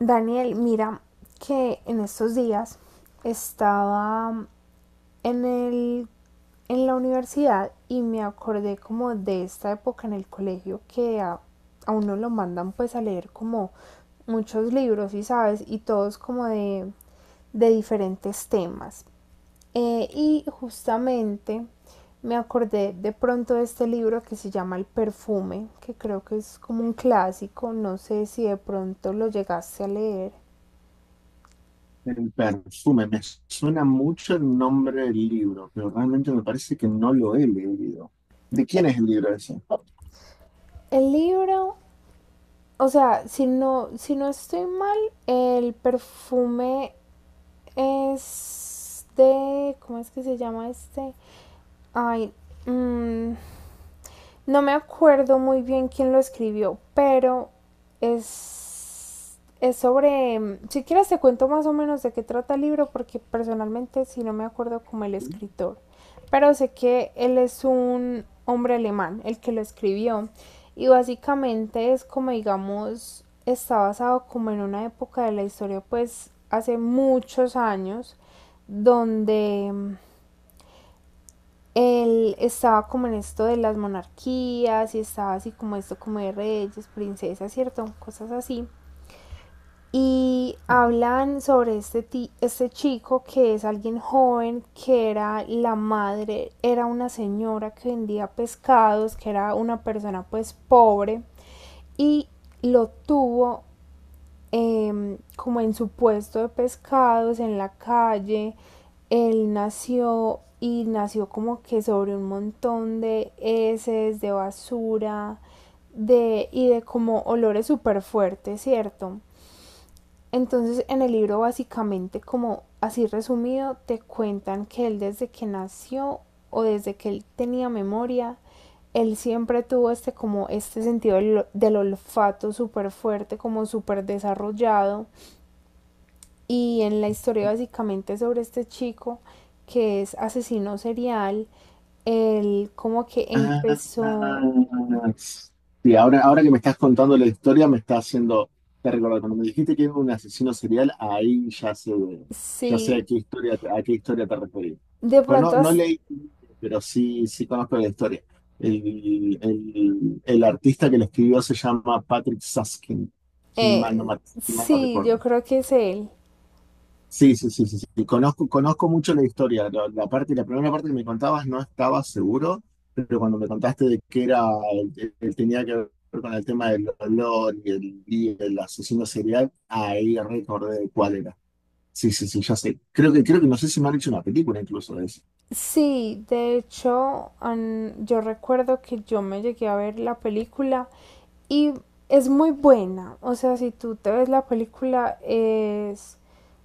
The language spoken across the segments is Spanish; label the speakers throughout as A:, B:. A: Daniel, mira que en estos días estaba en el en la universidad y me acordé como de esta época en el colegio que a uno lo mandan pues a leer como muchos libros y sabes y todos como de diferentes temas y justamente me acordé de pronto de este libro que se llama El perfume, que creo que es como un clásico, no sé si de pronto lo llegaste a leer.
B: El perfume, me suena mucho el nombre del libro, pero realmente me parece que no lo he leído. ¿De
A: Eh,
B: quién es el libro ese?
A: el libro, o sea, si no estoy mal, el perfume es de, ¿cómo es que se llama este? Ay, mm, no me acuerdo muy bien quién lo escribió, pero es sobre... Si quieres te cuento más o menos de qué trata el libro, porque personalmente sí no me acuerdo como el escritor. Pero sé que él es un hombre alemán, el que lo escribió. Y básicamente es como digamos, está basado como en una época de la historia, pues hace muchos años, donde él estaba como en esto de las monarquías y estaba así como esto como de reyes, princesas, ¿cierto? Cosas así. Y hablan sobre este chico que es alguien joven, que era la madre, era una señora que vendía pescados, que era una persona pues pobre y lo tuvo como en su puesto de pescados, en la calle. Él nació y nació como que sobre un montón de heces, de basura, y de como olores súper fuertes, ¿cierto? Entonces en el libro básicamente como así resumido te cuentan que él desde que nació o desde que él tenía memoria, él siempre tuvo este como este sentido del olfato súper fuerte, como súper desarrollado y en la historia básicamente sobre este chico que es asesino serial, él como que
B: Ah,
A: empezó,
B: sí, ahora que me estás contando la historia, me está haciendo, te recuerdo, cuando me dijiste que era un asesino serial, ahí ya sé a
A: sí,
B: qué historia, te referís.
A: de pronto,
B: No, no leí, pero sí, sí conozco la historia. El artista que lo escribió se llama Patrick Susskind, si mal no,
A: eh,
B: me- si mal no
A: sí,
B: recuerdo.
A: yo creo que es él.
B: Sí, sí, sí, sí, sí. Conozco, conozco mucho la historia. La primera parte que me contabas no estaba seguro, pero cuando me contaste de que era, tenía que ver con el tema del olor y el asesino serial, ahí recordé cuál era. Sí, sí, sí, ya sé. Creo que no sé si me han hecho una película incluso de eso.
A: Sí, de hecho, yo recuerdo que yo me llegué a ver la película y es muy buena, o sea, si tú te ves la película es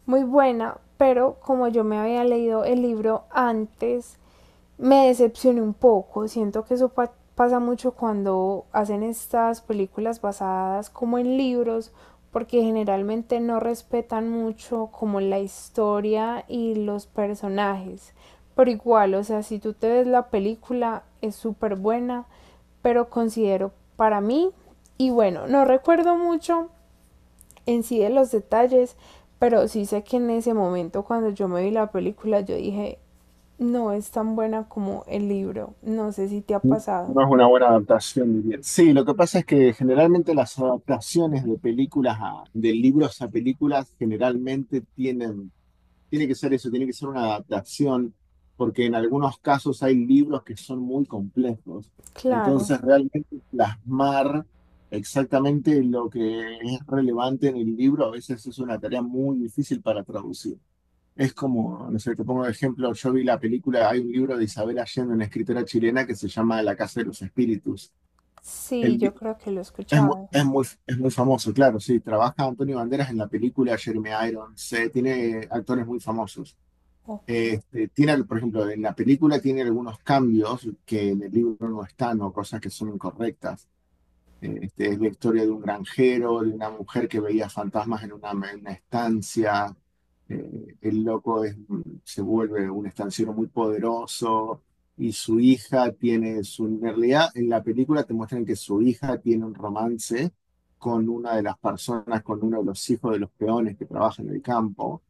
A: muy buena, pero como yo me había leído el libro antes, me decepcioné un poco. Siento que eso pasa mucho cuando hacen estas películas basadas como en libros, porque generalmente no respetan mucho como la historia y los personajes. Pero igual, o sea, si tú te ves la película, es súper buena, pero considero para mí, y bueno, no recuerdo mucho en sí de los detalles, pero sí sé que en ese momento cuando yo me vi la película yo dije, no es tan buena como el libro, no sé si te ha pasado.
B: No es una buena adaptación, diría. Sí, lo que pasa es que generalmente las adaptaciones de libros a películas generalmente tienen. Tiene que ser eso, tiene que ser una adaptación, porque en algunos casos hay libros que son muy complejos.
A: Claro,
B: Entonces, realmente plasmar exactamente lo que es relevante en el libro a veces es una tarea muy difícil para traducir. Es como, no sé, te pongo un ejemplo, yo vi la película, hay un libro de Isabel Allende, una escritora chilena, que se llama La Casa de los Espíritus.
A: sí,
B: El li-
A: yo creo que lo he
B: es muy,
A: escuchado.
B: es muy famoso, claro, sí. Trabaja Antonio Banderas en la película, Jeremy Irons, tiene actores muy famosos.
A: Ok.
B: Este, tiene, por ejemplo, en la película tiene algunos cambios que en el libro no están o cosas que son incorrectas. Este, es la historia de un granjero, de una mujer que veía fantasmas en una estancia. El loco se vuelve un estanciero muy poderoso y su hija tiene su... en realidad, en la película te muestran que su hija tiene un romance con una de las personas, con uno de los hijos de los peones que trabaja en el campo,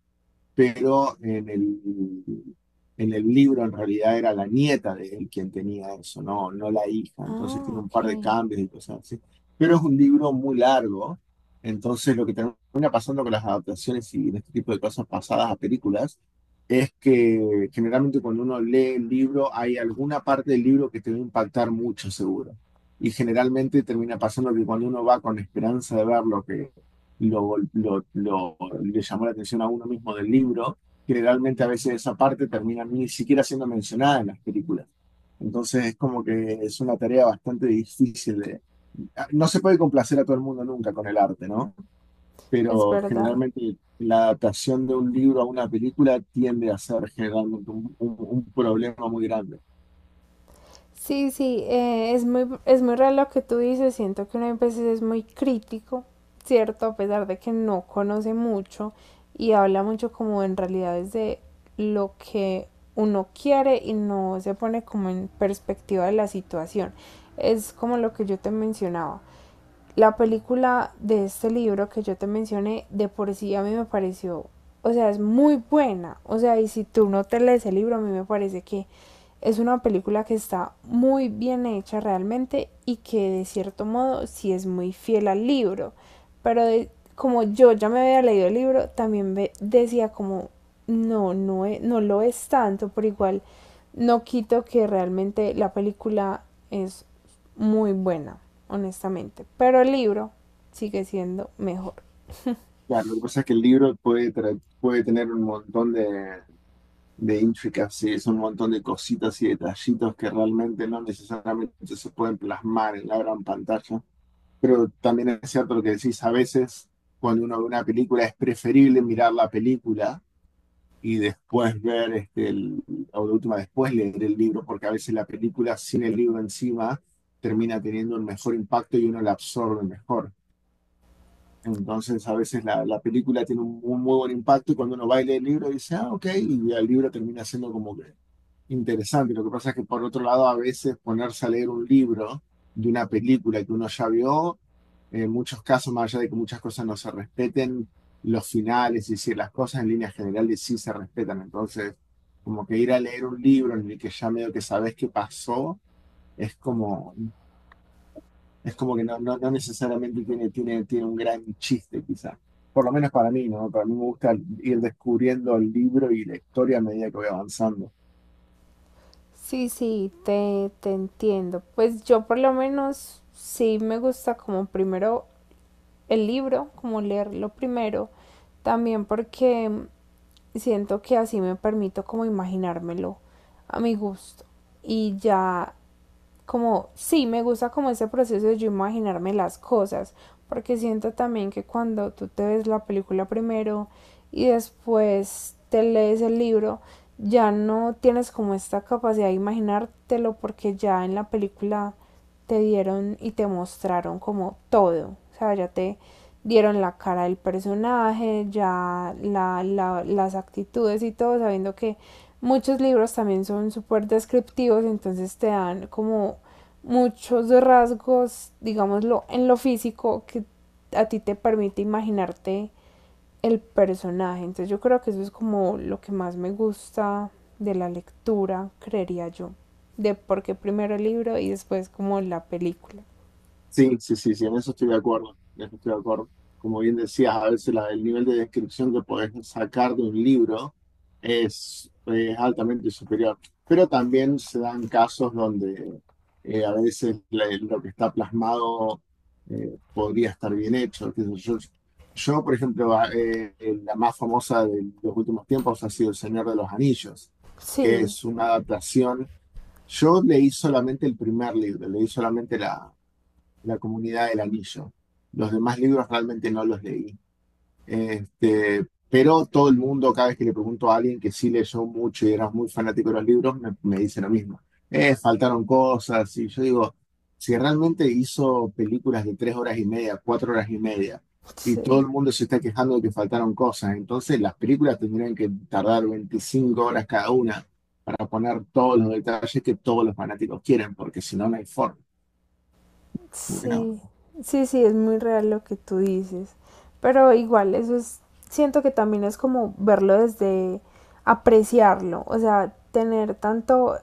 B: pero en el libro en realidad era la nieta de él quien tenía eso, no, no la hija. Entonces
A: Ah,
B: tiene un par de
A: ok.
B: cambios y cosas así. Pero es un libro muy largo, entonces lo que termina pasando con las adaptaciones y este tipo de cosas pasadas a películas es que generalmente cuando uno lee el libro hay alguna parte del libro que te va a impactar mucho, seguro. Y generalmente termina pasando que cuando uno va con esperanza de ver lo que lo, lo- le llamó la atención a uno mismo del libro, generalmente a veces esa parte termina ni siquiera siendo mencionada en las películas. Entonces es como que es una tarea bastante difícil. No se puede complacer a todo el mundo nunca con el arte, ¿no?
A: Es
B: Pero
A: verdad.
B: generalmente la adaptación de un libro a una película tiende a ser generalmente un problema muy grande.
A: Sí, sí, es muy real lo que tú dices, siento que uno a veces es muy crítico, ¿cierto? A pesar de que no conoce mucho y habla mucho como en realidad desde lo que uno quiere y no se pone como en perspectiva de la situación. Es como lo que yo te mencionaba la película de este libro que yo te mencioné, de por sí a mí me pareció, o sea, es muy buena. O sea, y si tú no te lees el libro, a mí me parece que es una película que está muy bien hecha realmente y que de cierto modo sí es muy fiel al libro. Pero de, como yo ya me había leído el libro, también ve, decía como, no, no, e, no lo es tanto, por igual no quito que realmente la película es muy buena, honestamente. Pero el libro sigue siendo mejor.
B: Claro, lo que pasa es que el libro puede tener un montón de intricacies, un montón de cositas y detallitos que realmente no necesariamente se pueden plasmar en la gran pantalla. Pero también es cierto lo que decís, a veces cuando uno ve una película es preferible mirar la película y después ver, este, o de última, después leer el libro, porque a veces la película sin el libro encima termina teniendo un mejor impacto y uno la absorbe mejor. Entonces, a veces la película tiene un muy buen impacto y cuando uno va y lee el libro dice, ah, ok, y el libro termina siendo como que interesante. Lo que pasa es que por otro lado a veces ponerse a leer un libro de una película que uno ya vio, en muchos casos, más allá de que muchas cosas no se respeten, los finales y si las cosas en líneas generales sí se respetan, entonces como que ir a leer un libro en el que ya medio que sabes qué pasó, es como, es como que no, no, no necesariamente tiene un gran chiste quizá, por lo menos para mí, ¿no? Para mí me gusta ir descubriendo el libro y la historia a medida que voy avanzando.
A: Sí, sí, te entiendo. Pues yo por lo menos sí me gusta como primero el libro, como leerlo primero. También porque siento que así me permito como imaginármelo a mi gusto. Y ya como, sí, me gusta como ese proceso de yo imaginarme las cosas, porque siento también que cuando tú te ves la película primero y después te lees el libro, ya no tienes como esta capacidad de imaginártelo porque ya en la película te dieron y te mostraron como todo. O sea, ya te dieron la cara del personaje, ya las actitudes y todo, sabiendo que muchos libros también son súper descriptivos, entonces te dan como muchos rasgos, digámoslo, en lo físico que a ti te permite imaginarte el personaje. Entonces yo creo que eso es como lo que más me gusta de la lectura, creería yo. De porque primero el libro y después como la película.
B: Sí, sí, sí, sí, en eso estoy de acuerdo, en eso estoy de acuerdo. Como bien decías, a veces el nivel de descripción que podés sacar de un libro es altamente superior, pero también se dan casos donde a veces lo que está plasmado, podría estar bien hecho, qué sé yo. Yo, por ejemplo, la más famosa de los últimos tiempos ha sido El Señor de los Anillos, que
A: Sí,
B: es una adaptación. Yo leí solamente el primer libro, leí solamente la Comunidad del Anillo. Los demás libros realmente no los leí. Este, pero todo el mundo, cada vez que le pregunto a alguien que sí leyó mucho y era muy fanático de los libros, me dice lo mismo. Faltaron cosas. Y yo digo, si realmente hizo películas de 3 horas y media, 4 horas y media, y todo
A: sí,
B: el mundo se está quejando de que faltaron cosas, entonces las películas tendrían que tardar 25 horas cada una para poner todos los detalles que todos los fanáticos quieren, porque si no, no hay forma. Como que no,
A: sí. Sí, sí, es muy real lo que tú dices. Pero igual, eso es, siento que también es como verlo desde apreciarlo, o sea, tener tanto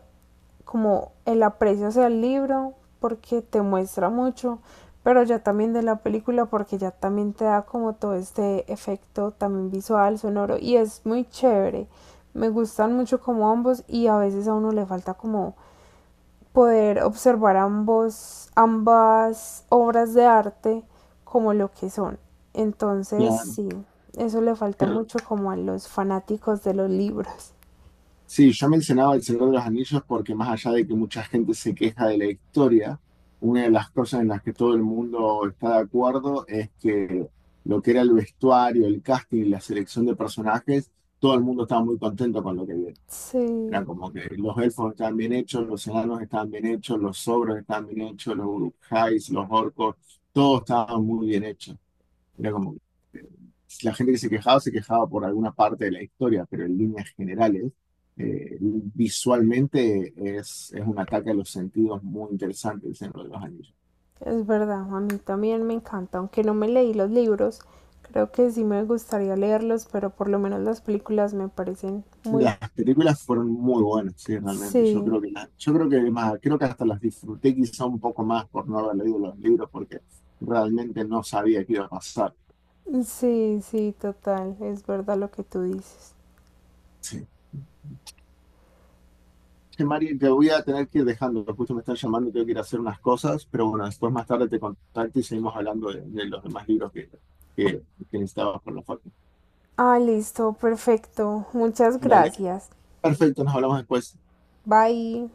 A: como el aprecio hacia el libro porque te muestra mucho, pero ya también de la película porque ya también te da como todo este efecto también visual, sonoro y es muy chévere. Me gustan mucho como ambos y a veces a uno le falta como poder observar ambos ambas obras de arte como lo que son. Entonces,
B: claro,
A: sí, eso le falta mucho
B: claro.
A: como a los fanáticos de los libros.
B: Sí, yo mencionaba El Señor de los Anillos porque más allá de que mucha gente se queja de la historia, una de las cosas en las que todo el mundo está de acuerdo es que lo que era el vestuario, el casting y la selección de personajes, todo el mundo estaba muy contento con lo que vieron.
A: Sí.
B: Era como que los elfos estaban bien hechos, los enanos estaban bien hechos, los ogros estaban bien hechos, los urukhais, los orcos, todos estaban muy bien hechos. Era como si la gente que se quejaba por alguna parte de la historia, pero en líneas generales, visualmente es un ataque a los sentidos muy interesante el Señor de los Anillos.
A: Es verdad, a mí también me encanta, aunque no me leí los libros, creo que sí me gustaría leerlos, pero por lo menos las películas me parecen muy...
B: Las películas fueron muy buenas, sí, realmente. Yo
A: Sí,
B: creo que, la- yo creo que más, creo que hasta las disfruté quizá un poco más por no haber leído los libros, porque realmente no sabía qué iba a pasar.
A: sí, sí, total, es verdad lo que tú dices.
B: Sí. Che, Mari, te voy a tener que ir dejando, justo me están llamando, tengo que ir a hacer unas cosas, pero bueno, después más tarde te contacto y seguimos hablando de los demás libros que, que necesitabas por la foto.
A: Ah, listo, perfecto. Muchas
B: Dale,
A: gracias.
B: perfecto, nos hablamos después.
A: Bye.